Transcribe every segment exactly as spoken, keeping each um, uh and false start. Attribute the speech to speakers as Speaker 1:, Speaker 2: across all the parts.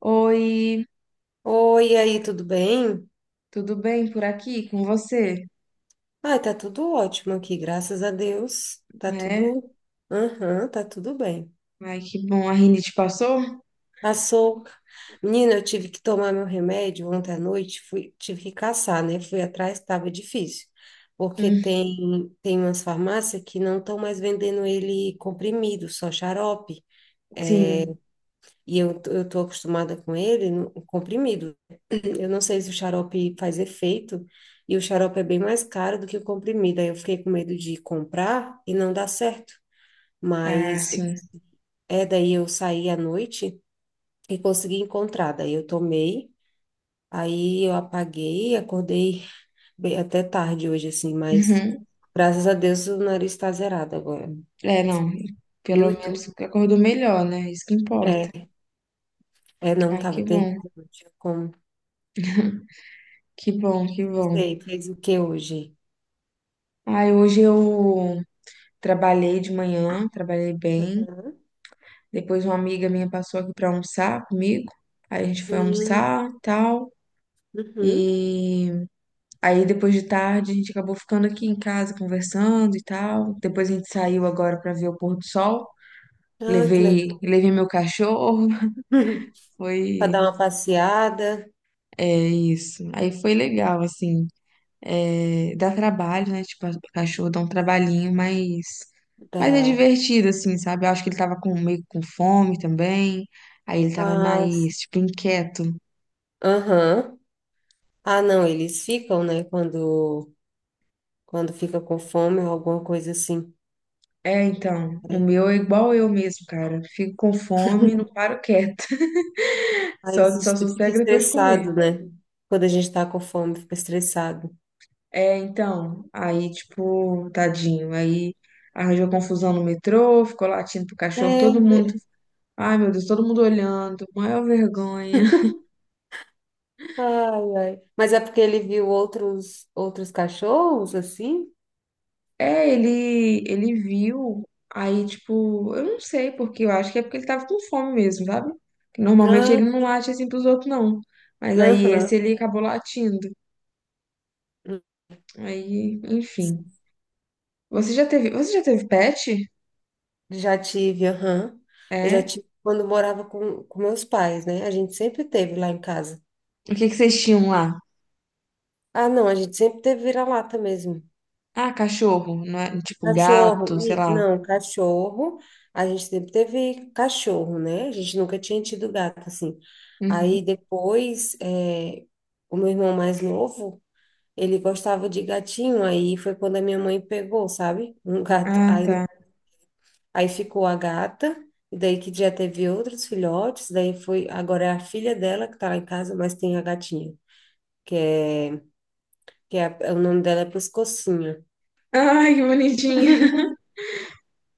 Speaker 1: Oi,
Speaker 2: Oi, e aí, tudo bem?
Speaker 1: tudo bem por aqui com você?
Speaker 2: Ai, tá tudo ótimo aqui, graças a Deus. Tá
Speaker 1: É?
Speaker 2: tudo. Aham, tá tudo bem.
Speaker 1: Ai, que bom, a rinite passou?
Speaker 2: Passou. Menina, eu tive que tomar meu remédio ontem à noite, fui, tive que caçar, né? Fui atrás, estava difícil. Porque
Speaker 1: Hum,
Speaker 2: tem, tem umas farmácias que não estão mais vendendo ele comprimido, só xarope.
Speaker 1: sim,
Speaker 2: E eu, t- eu tô acostumada com ele no- comprimido. Eu não sei se o xarope faz efeito, e o xarope é bem mais caro do que o comprimido. Aí eu fiquei com medo de comprar e não dar certo.
Speaker 1: ah,
Speaker 2: Mas
Speaker 1: sim.
Speaker 2: é daí eu saí à noite e consegui encontrar. Daí eu tomei, aí eu apaguei, acordei bem- até tarde hoje, assim, mas
Speaker 1: Uhum.
Speaker 2: graças a Deus o nariz está zerado agora.
Speaker 1: É, não, pelo
Speaker 2: Eu e tu?
Speaker 1: menos acordou melhor, né? Isso que importa.
Speaker 2: É, é, não
Speaker 1: Ai,
Speaker 2: tava
Speaker 1: que
Speaker 2: terrível,
Speaker 1: bom,
Speaker 2: não tinha como.
Speaker 1: que bom, que
Speaker 2: Não
Speaker 1: bom.
Speaker 2: Sei, fez o que hoje?
Speaker 1: Ai, hoje eu trabalhei de manhã, trabalhei bem. Depois uma amiga minha passou aqui pra almoçar comigo. Aí a gente foi
Speaker 2: Hum,
Speaker 1: almoçar, tal,
Speaker 2: uhum.
Speaker 1: e aí depois de tarde a gente acabou ficando aqui em casa conversando e tal. Depois a gente saiu agora para ver o pôr do sol.
Speaker 2: Ah, que legal.
Speaker 1: Levei, levei meu cachorro.
Speaker 2: Para dar
Speaker 1: Foi,
Speaker 2: uma passeada,
Speaker 1: é isso. Aí foi legal, assim. É, dá trabalho, né? Tipo, o cachorro dá um trabalhinho, mas, mas é
Speaker 2: dá.
Speaker 1: divertido, assim, sabe? Eu acho que ele tava com, meio com fome também. Aí ele tava
Speaker 2: Ah,
Speaker 1: mais,
Speaker 2: sim.
Speaker 1: tipo, inquieto.
Speaker 2: Aham. Ah, não, eles ficam, né? Quando, quando fica com fome ou alguma coisa assim.
Speaker 1: É, então, o meu é igual eu mesmo, cara. Fico com fome, não paro quieto.
Speaker 2: Aí
Speaker 1: Só,
Speaker 2: se
Speaker 1: só
Speaker 2: est- fica
Speaker 1: sossego depois de comer.
Speaker 2: estressado, né? Quando a gente tá com fome, fica estressado.
Speaker 1: É, então, aí, tipo, tadinho. Aí arranjou confusão no metrô, ficou latindo pro cachorro,
Speaker 2: É,
Speaker 1: todo mundo.
Speaker 2: ve-
Speaker 1: Ai, meu Deus, todo mundo olhando, maior vergonha.
Speaker 2: ai, ai. Mas é porque ele viu outros, outros cachorros, assim?
Speaker 1: É, ele, ele viu, aí, tipo, eu não sei porque, eu acho que é porque ele tava com fome mesmo, sabe? Que normalmente ele
Speaker 2: Ah,
Speaker 1: não late assim pros outros, não. Mas aí esse
Speaker 2: aham.
Speaker 1: ele acabou latindo. Aí, enfim. Você já teve, você já teve pet?
Speaker 2: Já tive, aham. Eu já
Speaker 1: É?
Speaker 2: tive quando morava com, com meus pais, né? A gente sempre teve lá em casa.
Speaker 1: O que que vocês tinham lá?
Speaker 2: Ah, não, a gente sempre teve vira-lata mesmo.
Speaker 1: Ah, cachorro, não é? Tipo,
Speaker 2: Cachorro,
Speaker 1: gato, sei
Speaker 2: e,
Speaker 1: lá.
Speaker 2: não, cachorro, a gente sempre teve cachorro, né? A gente nunca tinha tido gato, assim.
Speaker 1: Uhum.
Speaker 2: Aí depois, eh, o meu irmão mais novo, ele gostava de gatinho, aí foi quando a minha mãe pegou, sabe? Um gato,
Speaker 1: Ah,
Speaker 2: aí, né,
Speaker 1: tá.
Speaker 2: aí ficou a gata, e daí que já teve outros filhotes, daí foi, agora é a filha dela que tá lá em casa, mas tem a gatinha, que é a- o nome dela é Pescocinho.
Speaker 1: Ai, que bonitinha.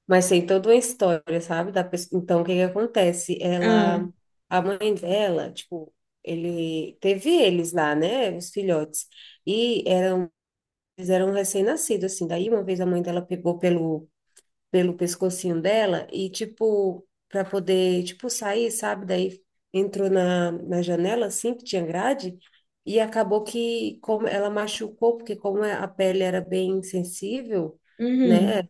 Speaker 2: Mas tem toda uma história, sabe? Da pessoa. Então, o que que acontece?
Speaker 1: Ah,
Speaker 2: Ela, a mãe dela, tipo, ele teve eles lá, né? Os filhotes. E era- eles eram recém-nascidos, assim. Daí, uma vez a mãe dela pegou pelo pelo pescocinho dela e, tipo, para poder, tipo, sair, sabe? Daí entrou na, na janela, assim, que tinha grade, e acabou que como ela machucou, porque como é, a pele era bem sensível,
Speaker 1: uhum.
Speaker 2: né?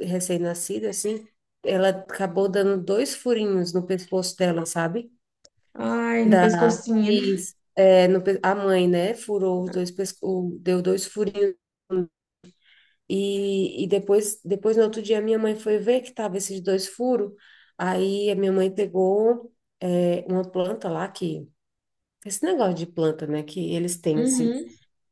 Speaker 2: Recém-nascida, assim, ela acabou dando dois furinhos no pescoço dela, sabe?
Speaker 1: Ai, no
Speaker 2: Da,
Speaker 1: pescocinho.
Speaker 2: e, é, no pe- a mãe, né? Furou os dois, pesco- deu dois furinhos e, e depois, depois, no outro dia, minha mãe foi ver que tava esses dois furos. Aí a minha mãe pegou é, uma planta lá que. Esse negócio de planta, né? Que eles têm, assim.
Speaker 1: Uhum.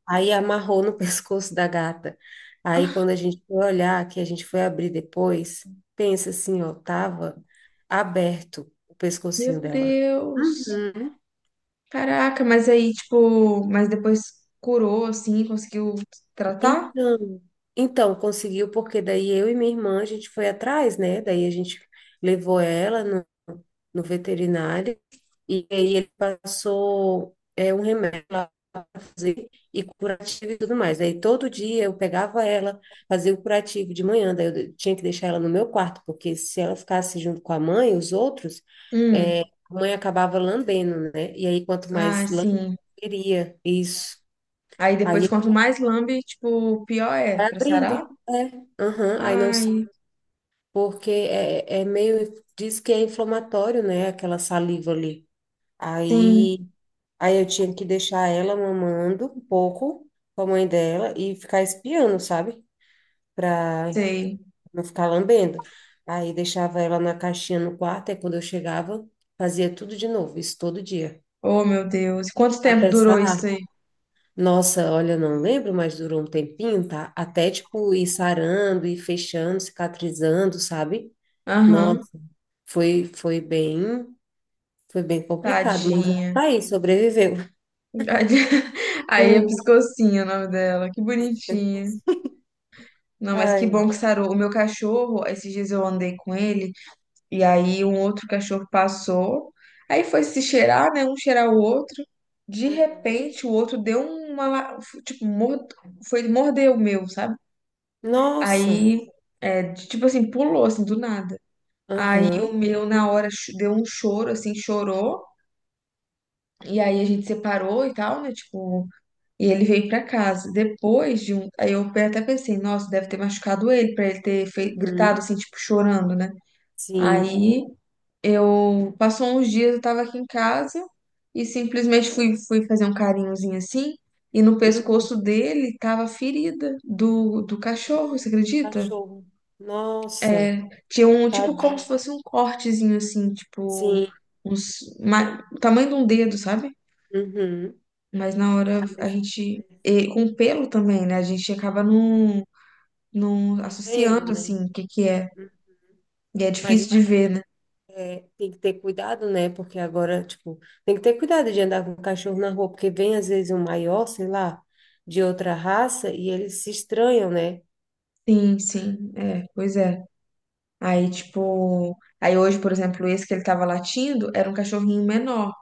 Speaker 2: Aí amarrou no pescoço da gata. Aí quando a gente foi olhar, que a gente foi abrir depois, pensa assim, ó, tava aberto o pescocinho
Speaker 1: Meu
Speaker 2: dela.
Speaker 1: Deus.
Speaker 2: Uhum.
Speaker 1: Caraca, mas aí, tipo, mas depois curou, assim, conseguiu tratar?
Speaker 2: Então, então conseguiu, porque daí eu e minha irmã, a gente foi atrás, né? Daí a gente levou ela no, no veterinário e aí ele passou é, um remédio lá pra fazer e curativo e tudo mais. Aí todo dia eu pegava ela, fazia o curativo de manhã, daí eu de- tinha que deixar ela no meu quarto, porque se ela ficasse junto com a mãe, os outros,
Speaker 1: Hum.
Speaker 2: é, a mãe acabava lambendo, né? E aí quanto
Speaker 1: Ah,
Speaker 2: mais lambe,
Speaker 1: sim.
Speaker 2: queria isso.
Speaker 1: Aí depois, quanto mais lambe, tipo, pior é
Speaker 2: Vai
Speaker 1: pra
Speaker 2: abrindo.
Speaker 1: sarar?
Speaker 2: É. Aham. Aí não sei,
Speaker 1: Ai,
Speaker 2: porque é, é meio, diz que é inflamatório, né? Aquela saliva ali.
Speaker 1: sim,
Speaker 2: Aí, aí eu tinha que deixar ela mamando um pouco com a mãe dela e ficar espiando, sabe? Pra
Speaker 1: sei.
Speaker 2: não ficar lambendo. Aí deixava ela na caixinha no quarto, aí quando eu chegava, fazia tudo de novo, isso todo dia.
Speaker 1: Oh, meu Deus. E quanto tempo
Speaker 2: Até
Speaker 1: durou isso
Speaker 2: sarar.
Speaker 1: aí?
Speaker 2: Nossa, olha, não lembro, mas durou um tempinho, tá? Até, tipo, ir sarando, ir fechando, cicatrizando, sabe?
Speaker 1: Aham,
Speaker 2: Nossa, foi, foi bem, foi bem complicado, mas
Speaker 1: tadinha.
Speaker 2: tá aí, sobreviveu.
Speaker 1: Aí é
Speaker 2: Uhum.
Speaker 1: Piscocinha o nome dela. Que bonitinha. Não, mas que
Speaker 2: Ai,
Speaker 1: bom que sarou. O meu cachorro, esses dias eu andei com ele, e aí um outro cachorro passou, aí foi se cheirar, né? Um cheirar o outro. De
Speaker 2: aham.
Speaker 1: repente, o outro deu uma. La- tipo, mord... foi morder o meu, sabe?
Speaker 2: Nossa,
Speaker 1: Aí, é, tipo assim, pulou, assim, do nada. Aí
Speaker 2: aham,
Speaker 1: o meu, na hora, cho- deu um choro, assim, chorou. E aí a gente separou e tal, né? Tipo, e ele veio pra casa. Depois de um. Aí eu até pensei, nossa, deve ter machucado ele pra ele ter fei- gritado
Speaker 2: uhum.
Speaker 1: assim, tipo, chorando, né?
Speaker 2: Sim,
Speaker 1: Aí eu. Passou uns dias, eu tava aqui em casa e simplesmente fui, fui fazer um carinhozinho assim. E no
Speaker 2: Uhum.
Speaker 1: pescoço dele tava a ferida do, do cachorro,
Speaker 2: Do
Speaker 1: você acredita?
Speaker 2: cachorro, nossa,
Speaker 1: Tinha um, tipo, como se
Speaker 2: tadinho,
Speaker 1: fosse um cortezinho assim, tipo.
Speaker 2: sim,
Speaker 1: Uns, ma- o tamanho de um dedo, sabe?
Speaker 2: uhum.
Speaker 1: Mas na hora
Speaker 2: Ah,
Speaker 1: a
Speaker 2: Mas,
Speaker 1: gente.
Speaker 2: mas
Speaker 1: E com pelo também, né? A gente acaba não não
Speaker 2: não vendo,
Speaker 1: associando
Speaker 2: né?
Speaker 1: assim o que que é. E é
Speaker 2: Mas
Speaker 1: difícil de ver, né?
Speaker 2: Tem que ter cuidado, né? Porque agora, tipo, tem que ter cuidado de andar com cachorro na rua, porque vem às vezes um maior, sei lá, de outra raça e eles se estranham, né?
Speaker 1: Sim, sim, é, pois é. Aí, tipo, aí hoje, por exemplo, esse que ele tava latindo era um cachorrinho menor.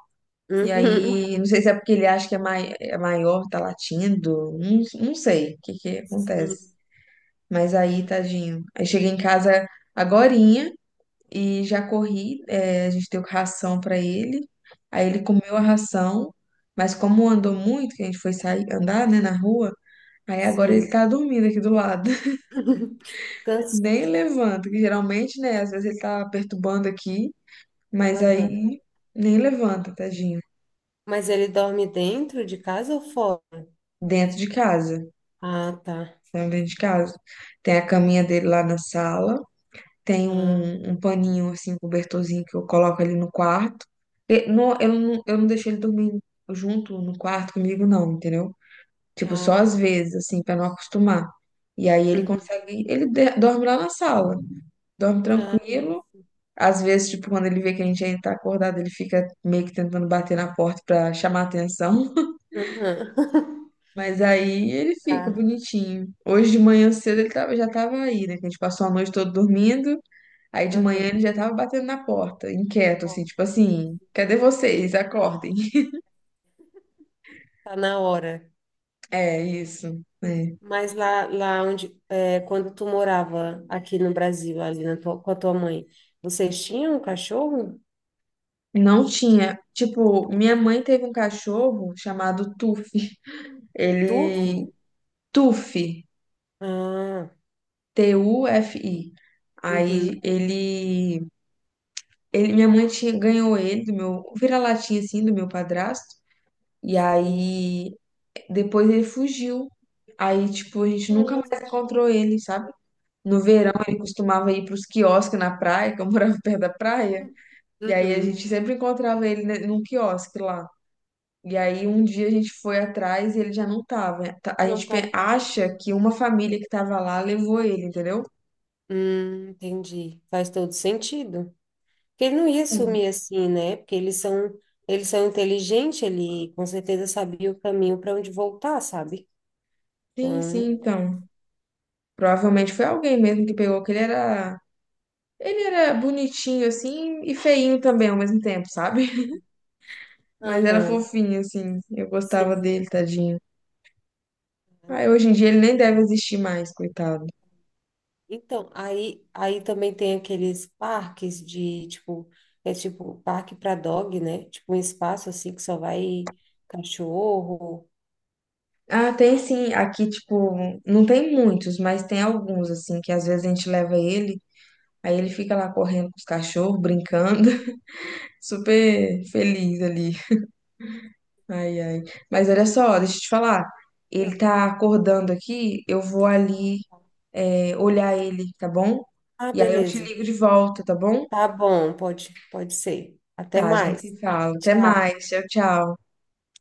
Speaker 1: E
Speaker 2: Uhum.
Speaker 1: aí, não sei se é porque ele acha que é, mai é maior, tá latindo, não, não sei o que que
Speaker 2: Sim,
Speaker 1: acontece. Mas
Speaker 2: é.
Speaker 1: aí, tadinho. Aí cheguei em casa agorinha e já corri, é, a gente deu ração pra ele. Aí ele comeu a ração, mas como andou muito, que a gente foi sair, andar, né, na rua, aí agora ele
Speaker 2: Sim.
Speaker 1: tá dormindo aqui do lado.
Speaker 2: Canso.
Speaker 1: Nem levanta, que geralmente, né? Às vezes ele tá perturbando aqui, mas
Speaker 2: Aham.
Speaker 1: aí nem levanta, tadinho.
Speaker 2: Mas ele dorme dentro de casa ou fora?
Speaker 1: Dentro de casa,
Speaker 2: Ah, tá.
Speaker 1: tá dentro de casa. Tem a caminha dele lá na sala, tem
Speaker 2: Ah,
Speaker 1: um, um paninho, assim, cobertorzinho que eu coloco ali no quarto. E não- eu, não, eu não deixo ele dormir junto no quarto comigo, não, entendeu? Tipo,
Speaker 2: ah,
Speaker 1: só às
Speaker 2: tá.
Speaker 1: vezes, assim, pra não acostumar. E aí ele
Speaker 2: Uhum.
Speaker 1: consegue, ele de- dorme lá na sala, dorme
Speaker 2: Ah,
Speaker 1: tranquilo. Às vezes, tipo, quando ele vê que a gente ainda tá acordado, ele fica meio que tentando bater na porta pra chamar atenção.
Speaker 2: aham.
Speaker 1: Mas aí ele fica
Speaker 2: Tá.
Speaker 1: bonitinho. Hoje de manhã cedo ele tava, já tava aí, né? Que a gente passou a noite toda dormindo. Aí de manhã
Speaker 2: Aham.
Speaker 1: ele já tava batendo na porta,
Speaker 2: Tá
Speaker 1: inquieto, assim,
Speaker 2: bom.
Speaker 1: tipo assim, cadê vocês? Acordem.
Speaker 2: Tá na hora.
Speaker 1: É isso, né?
Speaker 2: Mas lá, lá onde, é, quando tu morava aqui no Brasil, ali na tua- com a tua mãe, vocês tinham um cachorro?
Speaker 1: Não tinha. Tipo, minha mãe teve um cachorro chamado Tufi.
Speaker 2: Turf?
Speaker 1: Ele. Tufi.
Speaker 2: Ah,
Speaker 1: T U F I. Aí
Speaker 2: uhum,
Speaker 1: ele. Ele, minha mãe tinha, ganhou ele do meu o vira-latinha assim do meu padrasto. E
Speaker 2: sim.
Speaker 1: aí depois ele fugiu. Aí tipo a gente nunca
Speaker 2: Nossa,
Speaker 1: mais encontrou ele, sabe? No verão
Speaker 2: Uhum.
Speaker 1: ele costumava ir para os quiosques na praia, que eu morava perto da praia. E aí a
Speaker 2: Uhum.
Speaker 1: gente sempre encontrava ele ne- num quiosque lá. E aí um dia a gente foi atrás e ele já não tava. Tá- a
Speaker 2: Não
Speaker 1: gente
Speaker 2: tava
Speaker 1: pe-
Speaker 2: lá.
Speaker 1: acha que uma família que tava lá levou ele, entendeu?
Speaker 2: Hum, entendi. Faz todo sentido. Porque ele não ia
Speaker 1: Sim,
Speaker 2: sumir assim, né? Porque eles são, eles são inteligentes, ele com certeza sabia o caminho para onde voltar, sabe?
Speaker 1: sim,
Speaker 2: Então,
Speaker 1: sim, então. Provavelmente foi alguém mesmo que pegou, que ele era. Ele era bonitinho, assim, e feinho também ao mesmo tempo, sabe? Mas era
Speaker 2: aham,
Speaker 1: fofinho, assim. Eu gostava
Speaker 2: sim.
Speaker 1: dele, tadinho.
Speaker 2: Ah,
Speaker 1: Ah,
Speaker 2: não.
Speaker 1: hoje em dia ele nem deve existir mais, coitado.
Speaker 2: Então, aí, aí também tem aqueles parques de, tipo, é tipo parque para dog, né? Tipo um espaço assim que só vai cachorro.
Speaker 1: Ah, tem sim. Aqui, tipo, não tem muitos, mas tem alguns, assim, que às vezes a gente leva ele, aí ele fica lá correndo com os cachorros, brincando, super feliz ali. Ai, ai. Mas olha só, deixa eu te falar. Ele
Speaker 2: Uhum.
Speaker 1: tá acordando aqui, eu vou ali, é, olhar ele, tá bom?
Speaker 2: Ah,
Speaker 1: E aí eu te
Speaker 2: beleza.
Speaker 1: ligo de volta, tá bom?
Speaker 2: Tá bom, pode, pode ser. Até
Speaker 1: Tá, a gente
Speaker 2: mais.
Speaker 1: se fala. Até
Speaker 2: Tchau.
Speaker 1: mais. Tchau, tchau.